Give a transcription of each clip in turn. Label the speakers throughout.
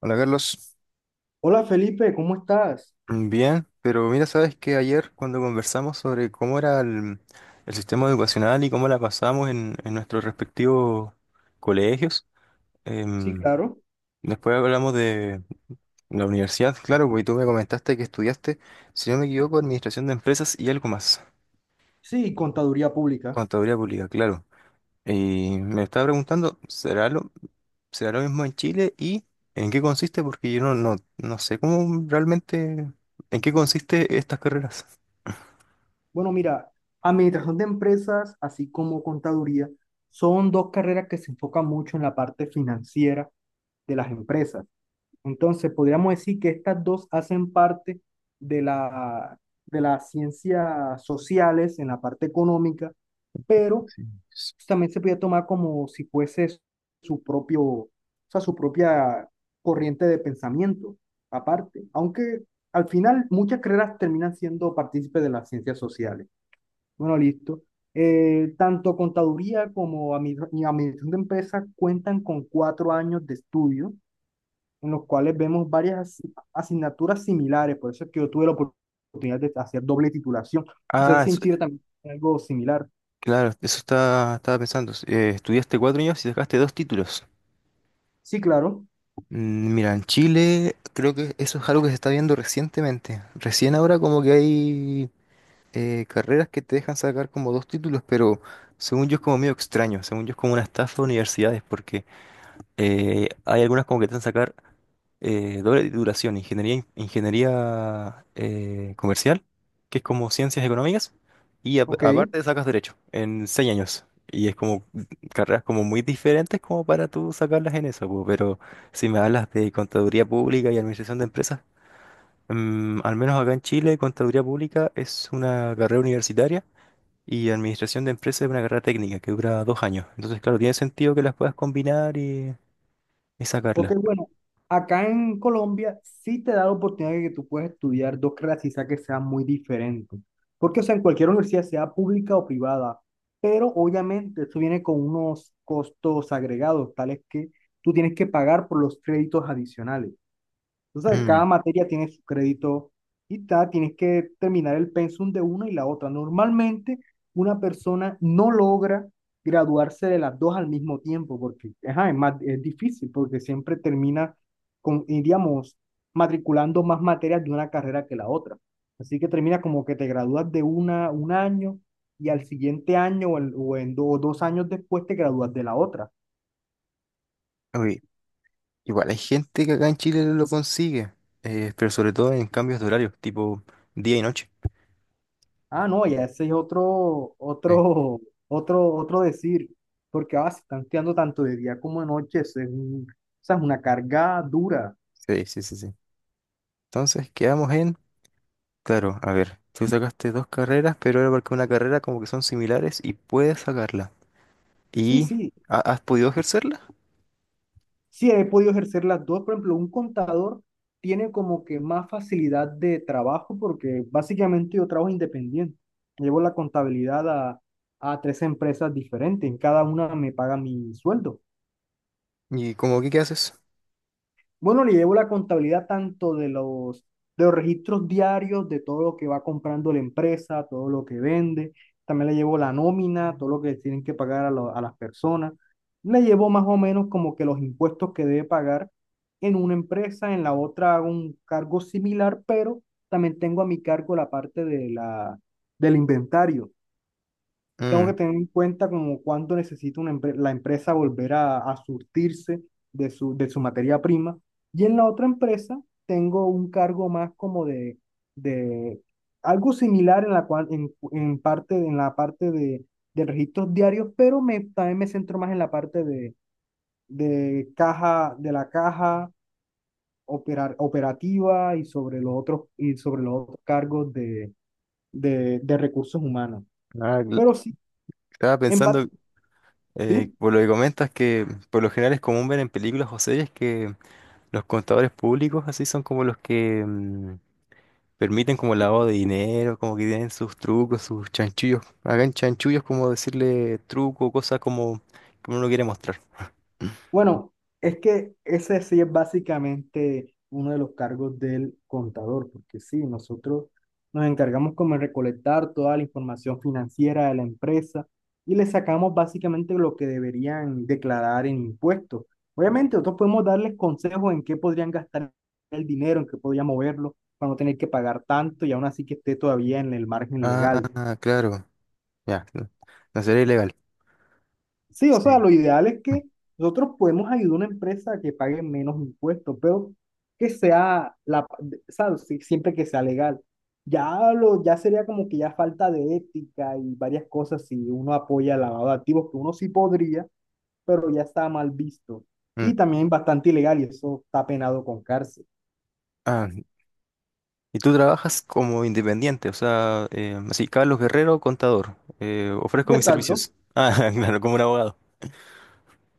Speaker 1: Hola, Carlos.
Speaker 2: Hola Felipe, ¿cómo estás?
Speaker 1: Bien, pero mira, sabes que ayer cuando conversamos sobre cómo era el sistema educacional y cómo la pasamos en nuestros respectivos colegios.
Speaker 2: Sí,
Speaker 1: em,
Speaker 2: claro.
Speaker 1: Después hablamos de la universidad, claro, porque tú me comentaste que estudiaste, si no me equivoco, administración de empresas y algo más,
Speaker 2: Sí, contaduría pública.
Speaker 1: contaduría pública, claro. Y me estaba preguntando, ¿será lo mismo en Chile y en qué consiste? Porque yo no, no, no sé cómo realmente, en qué consiste estas carreras.
Speaker 2: Bueno, mira, administración de empresas, así como contaduría, son dos carreras que se enfocan mucho en la parte financiera de las empresas. Entonces, podríamos decir que estas dos hacen parte de la, de las ciencias sociales en la parte económica, pero entonces, también se podía tomar como si fuese o sea, su propia corriente de pensamiento, aparte. Aunque al final muchas carreras terminan siendo partícipes de las ciencias sociales. Bueno, listo. Tanto contaduría como administración de empresas cuentan con 4 años de estudio, en los cuales vemos varias asignaturas similares. Por eso es que yo tuve la oportunidad de hacer doble titulación. No sé
Speaker 1: Ah,
Speaker 2: si en Chile también hay algo similar.
Speaker 1: claro, estaba pensando. Estudiaste 4 años y sacaste 2 títulos.
Speaker 2: Sí, claro.
Speaker 1: Mira, en Chile creo que eso es algo que se está viendo recientemente. Recién ahora como que hay carreras que te dejan sacar como 2 títulos, pero según yo es como medio extraño, según yo es como una estafa de universidades, porque hay algunas como que te hacen sacar doble titulación, ingeniería comercial, que es como ciencias económicas, y
Speaker 2: Ok.
Speaker 1: aparte sacas derecho en 6 años. Y es como carreras como muy diferentes como para tú sacarlas en eso, po. Pero si me hablas de contaduría pública y administración de empresas, al menos acá en Chile, contaduría pública es una carrera universitaria y administración de empresas es una carrera técnica que dura 2 años. Entonces, claro, tiene sentido que las puedas combinar y
Speaker 2: Ok,
Speaker 1: sacarlas.
Speaker 2: bueno, acá en Colombia sí te da la oportunidad de que tú puedas estudiar dos carreras quizá que sean muy diferentes. Porque, o sea, en cualquier universidad, sea pública o privada, pero obviamente eso viene con unos costos agregados, tales que tú tienes que pagar por los créditos adicionales. Entonces,
Speaker 1: Mm,
Speaker 2: cada materia tiene su crédito y tienes que terminar el pensum de una y la otra. Normalmente, una persona no logra graduarse de las dos al mismo tiempo porque ajá, es más, es difícil, porque siempre termina y digamos, matriculando más materias de una carrera que la otra. Así que termina como que te gradúas de una un año y al siguiente año o en 2 años después te gradúas de la otra.
Speaker 1: oye, igual hay gente que acá en Chile lo consigue, pero sobre todo en cambios de horarios, tipo día y noche.
Speaker 2: Ah, no, ya ese es otro,
Speaker 1: Sí,
Speaker 2: otro, otro decir, porque ah, se están estudiando tanto de día como de noche, eso es o sea, es una carga dura.
Speaker 1: sí, sí, sí, sí. Entonces quedamos en, claro, a ver, tú sacaste dos carreras, pero era porque una carrera como que son similares y puedes sacarla.
Speaker 2: Sí,
Speaker 1: ¿Y
Speaker 2: sí,
Speaker 1: has podido ejercerla?
Speaker 2: sí, he podido ejercer las dos. Por ejemplo, un contador tiene como que más facilidad de trabajo porque básicamente yo trabajo independiente. Llevo la contabilidad a tres empresas diferentes, en cada una me paga mi sueldo.
Speaker 1: ¿Y como que qué haces?
Speaker 2: Bueno, le llevo la contabilidad tanto de los registros diarios, de todo lo que va comprando la empresa, todo lo que vende. También le llevo la nómina, todo lo que tienen que pagar a las personas. Le llevo más o menos como que los impuestos que debe pagar en una empresa, en la otra hago un cargo similar, pero también tengo a mi cargo la parte del inventario. Tengo
Speaker 1: Mm,
Speaker 2: que tener en cuenta como cuánto necesita una la empresa volver a surtirse de su materia prima. Y en la otra empresa tengo un cargo más como de algo similar en la cual, en parte, en la parte de registros diarios, pero también me centro más en la parte de caja, de la caja operativa y y sobre los otros cargos de recursos humanos.
Speaker 1: ah,
Speaker 2: Pero sí,
Speaker 1: estaba
Speaker 2: en
Speaker 1: pensando,
Speaker 2: parte, sí.
Speaker 1: por lo que comentas, que por lo general es común ver en películas o series que los contadores públicos así son como los que permiten como el lavado de dinero, como que tienen sus trucos, sus chanchullos. Hagan chanchullos como decirle truco, cosas como que uno no quiere mostrar.
Speaker 2: Bueno, es que ese sí es básicamente uno de los cargos del contador, porque sí, nosotros nos encargamos como de recolectar toda la información financiera de la empresa y le sacamos básicamente lo que deberían declarar en impuestos. Obviamente, nosotros podemos darles consejos en qué podrían gastar el dinero, en qué podrían moverlo para no tener que pagar tanto y aún así que esté todavía en el margen legal.
Speaker 1: Ah, claro. Ya. No, no sería ilegal.
Speaker 2: Sí, o sea,
Speaker 1: Sí.
Speaker 2: lo ideal es que nosotros podemos ayudar a una empresa a que pague menos impuestos, pero que sea la, ¿sabes? Sí, siempre que sea legal. Ya lo, ya sería como que ya falta de ética y varias cosas si uno apoya el lavado de activos, que uno sí podría, pero ya está mal visto.
Speaker 1: Mm.
Speaker 2: Y también bastante ilegal y eso está penado con cárcel.
Speaker 1: Ah, y tú trabajas como independiente, o sea, así, Carlos Guerrero, contador. Ofrezco
Speaker 2: Y
Speaker 1: mis
Speaker 2: exacto,
Speaker 1: servicios. Ah, claro, como un abogado.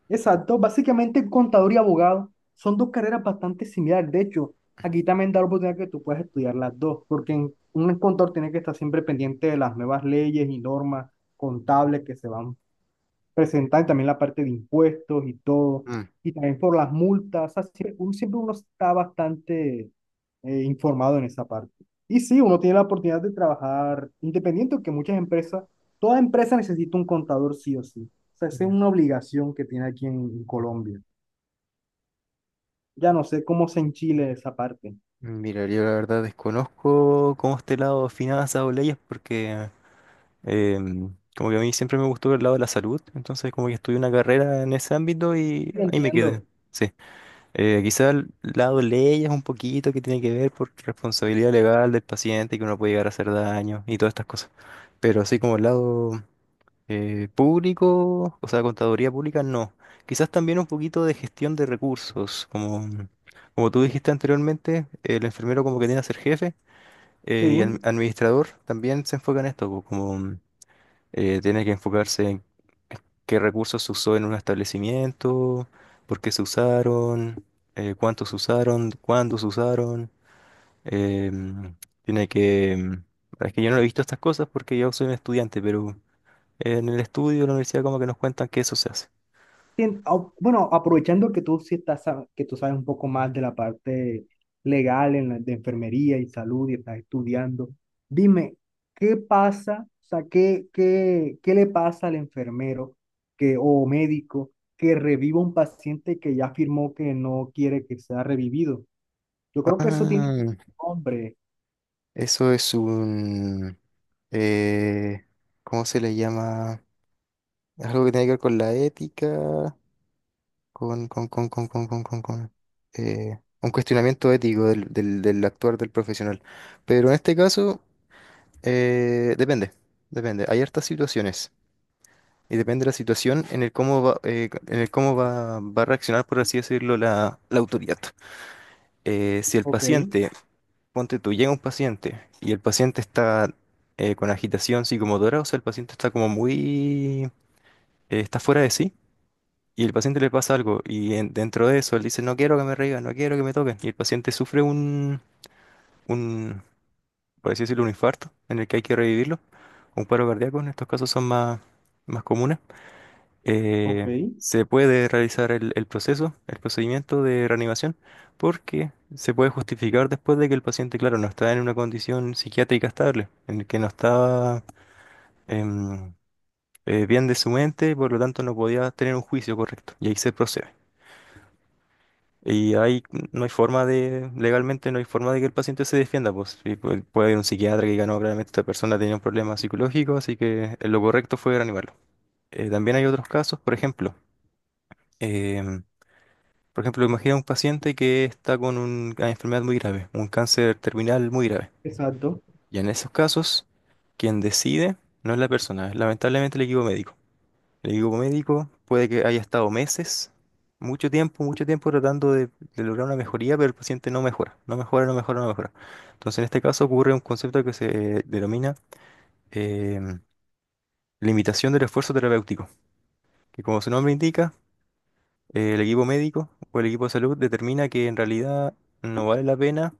Speaker 2: Exacto, básicamente contador y abogado son dos carreras bastante similares. De hecho, aquí también da la oportunidad que tú puedas estudiar las dos, porque un contador tiene que estar siempre pendiente de las nuevas leyes y normas contables que se van presentando, y también la parte de impuestos y todo,
Speaker 1: Mm.
Speaker 2: y también por las multas. O sea, siempre uno está bastante informado en esa parte. Y sí, uno tiene la oportunidad de trabajar independiente, que muchas empresas, toda empresa necesita un contador sí o sí. O sea, esa es
Speaker 1: Mm.
Speaker 2: una obligación que tiene aquí en Colombia. Ya no sé cómo es en Chile esa parte.
Speaker 1: Mira, yo la verdad desconozco cómo este lado finanzas o leyes porque Eh, como que a mí siempre me gustó el lado de la salud, entonces como que estudié una carrera en ese ámbito y
Speaker 2: Sí,
Speaker 1: ahí me quedé.
Speaker 2: entiendo.
Speaker 1: Sí, quizá el lado de leyes un poquito que tiene que ver por responsabilidad legal del paciente que uno puede llegar a hacer daño y todas estas cosas. Pero así como el lado público, o sea, contaduría pública, no. Quizás también un poquito de gestión de recursos, como tú dijiste anteriormente, el enfermero como que tiene que ser jefe y el
Speaker 2: Sí.
Speaker 1: administrador también se enfoca en esto, po, como tiene que enfocarse en qué recursos se usó en un establecimiento, por qué se usaron, cuántos se usaron, cuándo se usaron. em, tiene que... em, Es que yo no he visto estas cosas porque yo soy un estudiante, pero en el estudio de la universidad como que nos cuentan que eso se hace.
Speaker 2: Bueno, aprovechando que tú sí estás, sab- que tú sabes un poco más de la parte legal en la, de enfermería y salud y estás estudiando, dime, ¿qué pasa? O sea, ¿qué le pasa al enfermero que, o médico que reviva un paciente que ya afirmó que no quiere que sea revivido? Yo creo que eso tiene un
Speaker 1: Ah,
Speaker 2: nombre.
Speaker 1: eso es un... eh, ¿cómo se le llama? Algo que tiene que ver con la ética. Con, un cuestionamiento ético del actuar del profesional. Pero en este caso, eh, depende, depende. Hay hartas situaciones y depende de la situación en el cómo va, va a reaccionar, por así decirlo, la autoridad. Si el
Speaker 2: Ok,
Speaker 1: paciente, ponte tú, llega un paciente y el paciente está con agitación psicomotora, o sea, el paciente está como muy, está fuera de sí. Y el paciente le pasa algo y dentro de eso él dice, no quiero que me revivan, no quiero que me toquen. Y el paciente sufre un, por así decirlo, un infarto en el que hay que revivirlo, un paro cardíaco, en estos casos son más comunes.
Speaker 2: ok,
Speaker 1: Eh, se puede realizar el procedimiento de reanimación, porque se puede justificar después de que el paciente, claro, no está en una condición psiquiátrica estable, en el que no está em, bien de su mente, por lo tanto no podía tener un juicio correcto. Y ahí se procede. Y ahí no hay forma de, legalmente no hay forma de que el paciente se defienda, pues. Y puede, haber un psiquiatra que diga, no, claramente esta persona tenía un problema psicológico, así que lo correcto fue reanimarlo. También hay otros casos, por ejemplo, em, imagina un paciente que está con una enfermedad muy grave, un cáncer terminal muy grave.
Speaker 2: exacto.
Speaker 1: Y en esos casos, quien decide no es la persona, es lamentablemente el equipo médico. El equipo médico puede que haya estado meses, mucho tiempo tratando de lograr una mejoría, pero el paciente no mejora, no mejora, no mejora, no mejora. Entonces, en este caso ocurre un concepto que se denomina em, limitación del esfuerzo terapéutico, que como su nombre indica, el equipo médico o el equipo de salud determina que en realidad no vale la pena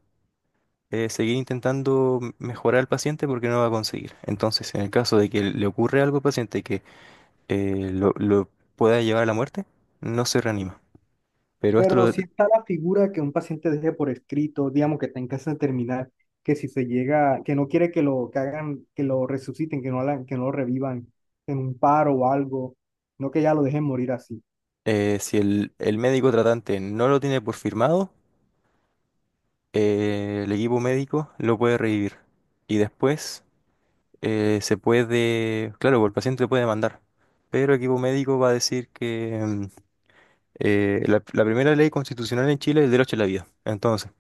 Speaker 1: seguir intentando mejorar al paciente porque no va a conseguir. Entonces, en el caso de que le ocurre algo al paciente que lo pueda llevar a la muerte, no se reanima. Pero esto,
Speaker 2: Pero
Speaker 1: lo-
Speaker 2: si está la figura que un paciente deje por escrito, digamos que está en casa terminal, que si se llega, que no quiere que lo que hagan, que lo resuciten, que no hagan, que no lo revivan en un paro o algo, no que ya lo dejen morir así.
Speaker 1: si el médico tratante no lo tiene por firmado, el equipo médico lo puede revivir. Y después se puede, claro, pues el paciente puede demandar, pero el equipo médico va a decir que la primera ley constitucional en Chile es el derecho a la vida. Entonces,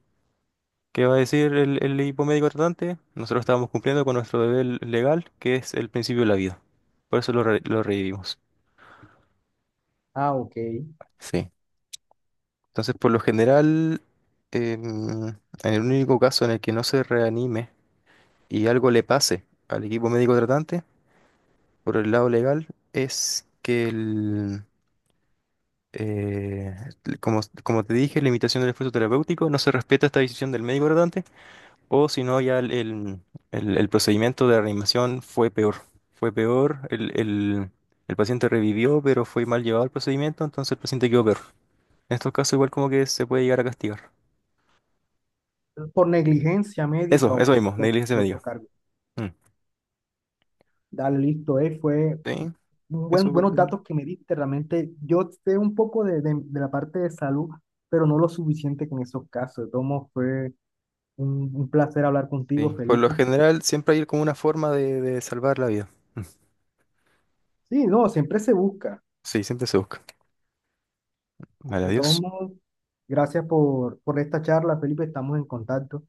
Speaker 1: ¿qué va a decir el equipo médico tratante? Nosotros estábamos cumpliendo con nuestro deber legal, que es el principio de la vida. Por eso lo revivimos.
Speaker 2: Ah, ok.
Speaker 1: Sí. Entonces, por lo general, en el único caso en el que no se reanime y algo le pase al equipo médico tratante, por el lado legal, es que eh, como te dije, la limitación del esfuerzo terapéutico no se respeta esta decisión del médico tratante, o si no, ya el procedimiento de reanimación fue peor. Fue peor, el paciente revivió, pero fue mal llevado el procedimiento, entonces el paciente quedó peor. En estos casos, igual como que se puede llegar a castigar.
Speaker 2: Por negligencia médica
Speaker 1: Eso,
Speaker 2: o
Speaker 1: eso
Speaker 2: por
Speaker 1: mismo, negligencia
Speaker 2: por otro
Speaker 1: médica.
Speaker 2: cargo.
Speaker 1: Mm.
Speaker 2: Dale, listo, fue
Speaker 1: Sí, eso por lo
Speaker 2: buenos
Speaker 1: general.
Speaker 2: datos que me diste, realmente. Yo sé un poco de la parte de salud, pero no lo suficiente que en esos casos. De todos modos, fue un placer hablar
Speaker 1: Sí,
Speaker 2: contigo,
Speaker 1: por lo
Speaker 2: Felipe.
Speaker 1: general siempre hay como una forma de salvar la vida. Mm.
Speaker 2: Sí, no, siempre se busca.
Speaker 1: Sí, siempre se busca. Vale,
Speaker 2: De todos
Speaker 1: adiós.
Speaker 2: modos, gracias por esta charla, Felipe, estamos en contacto.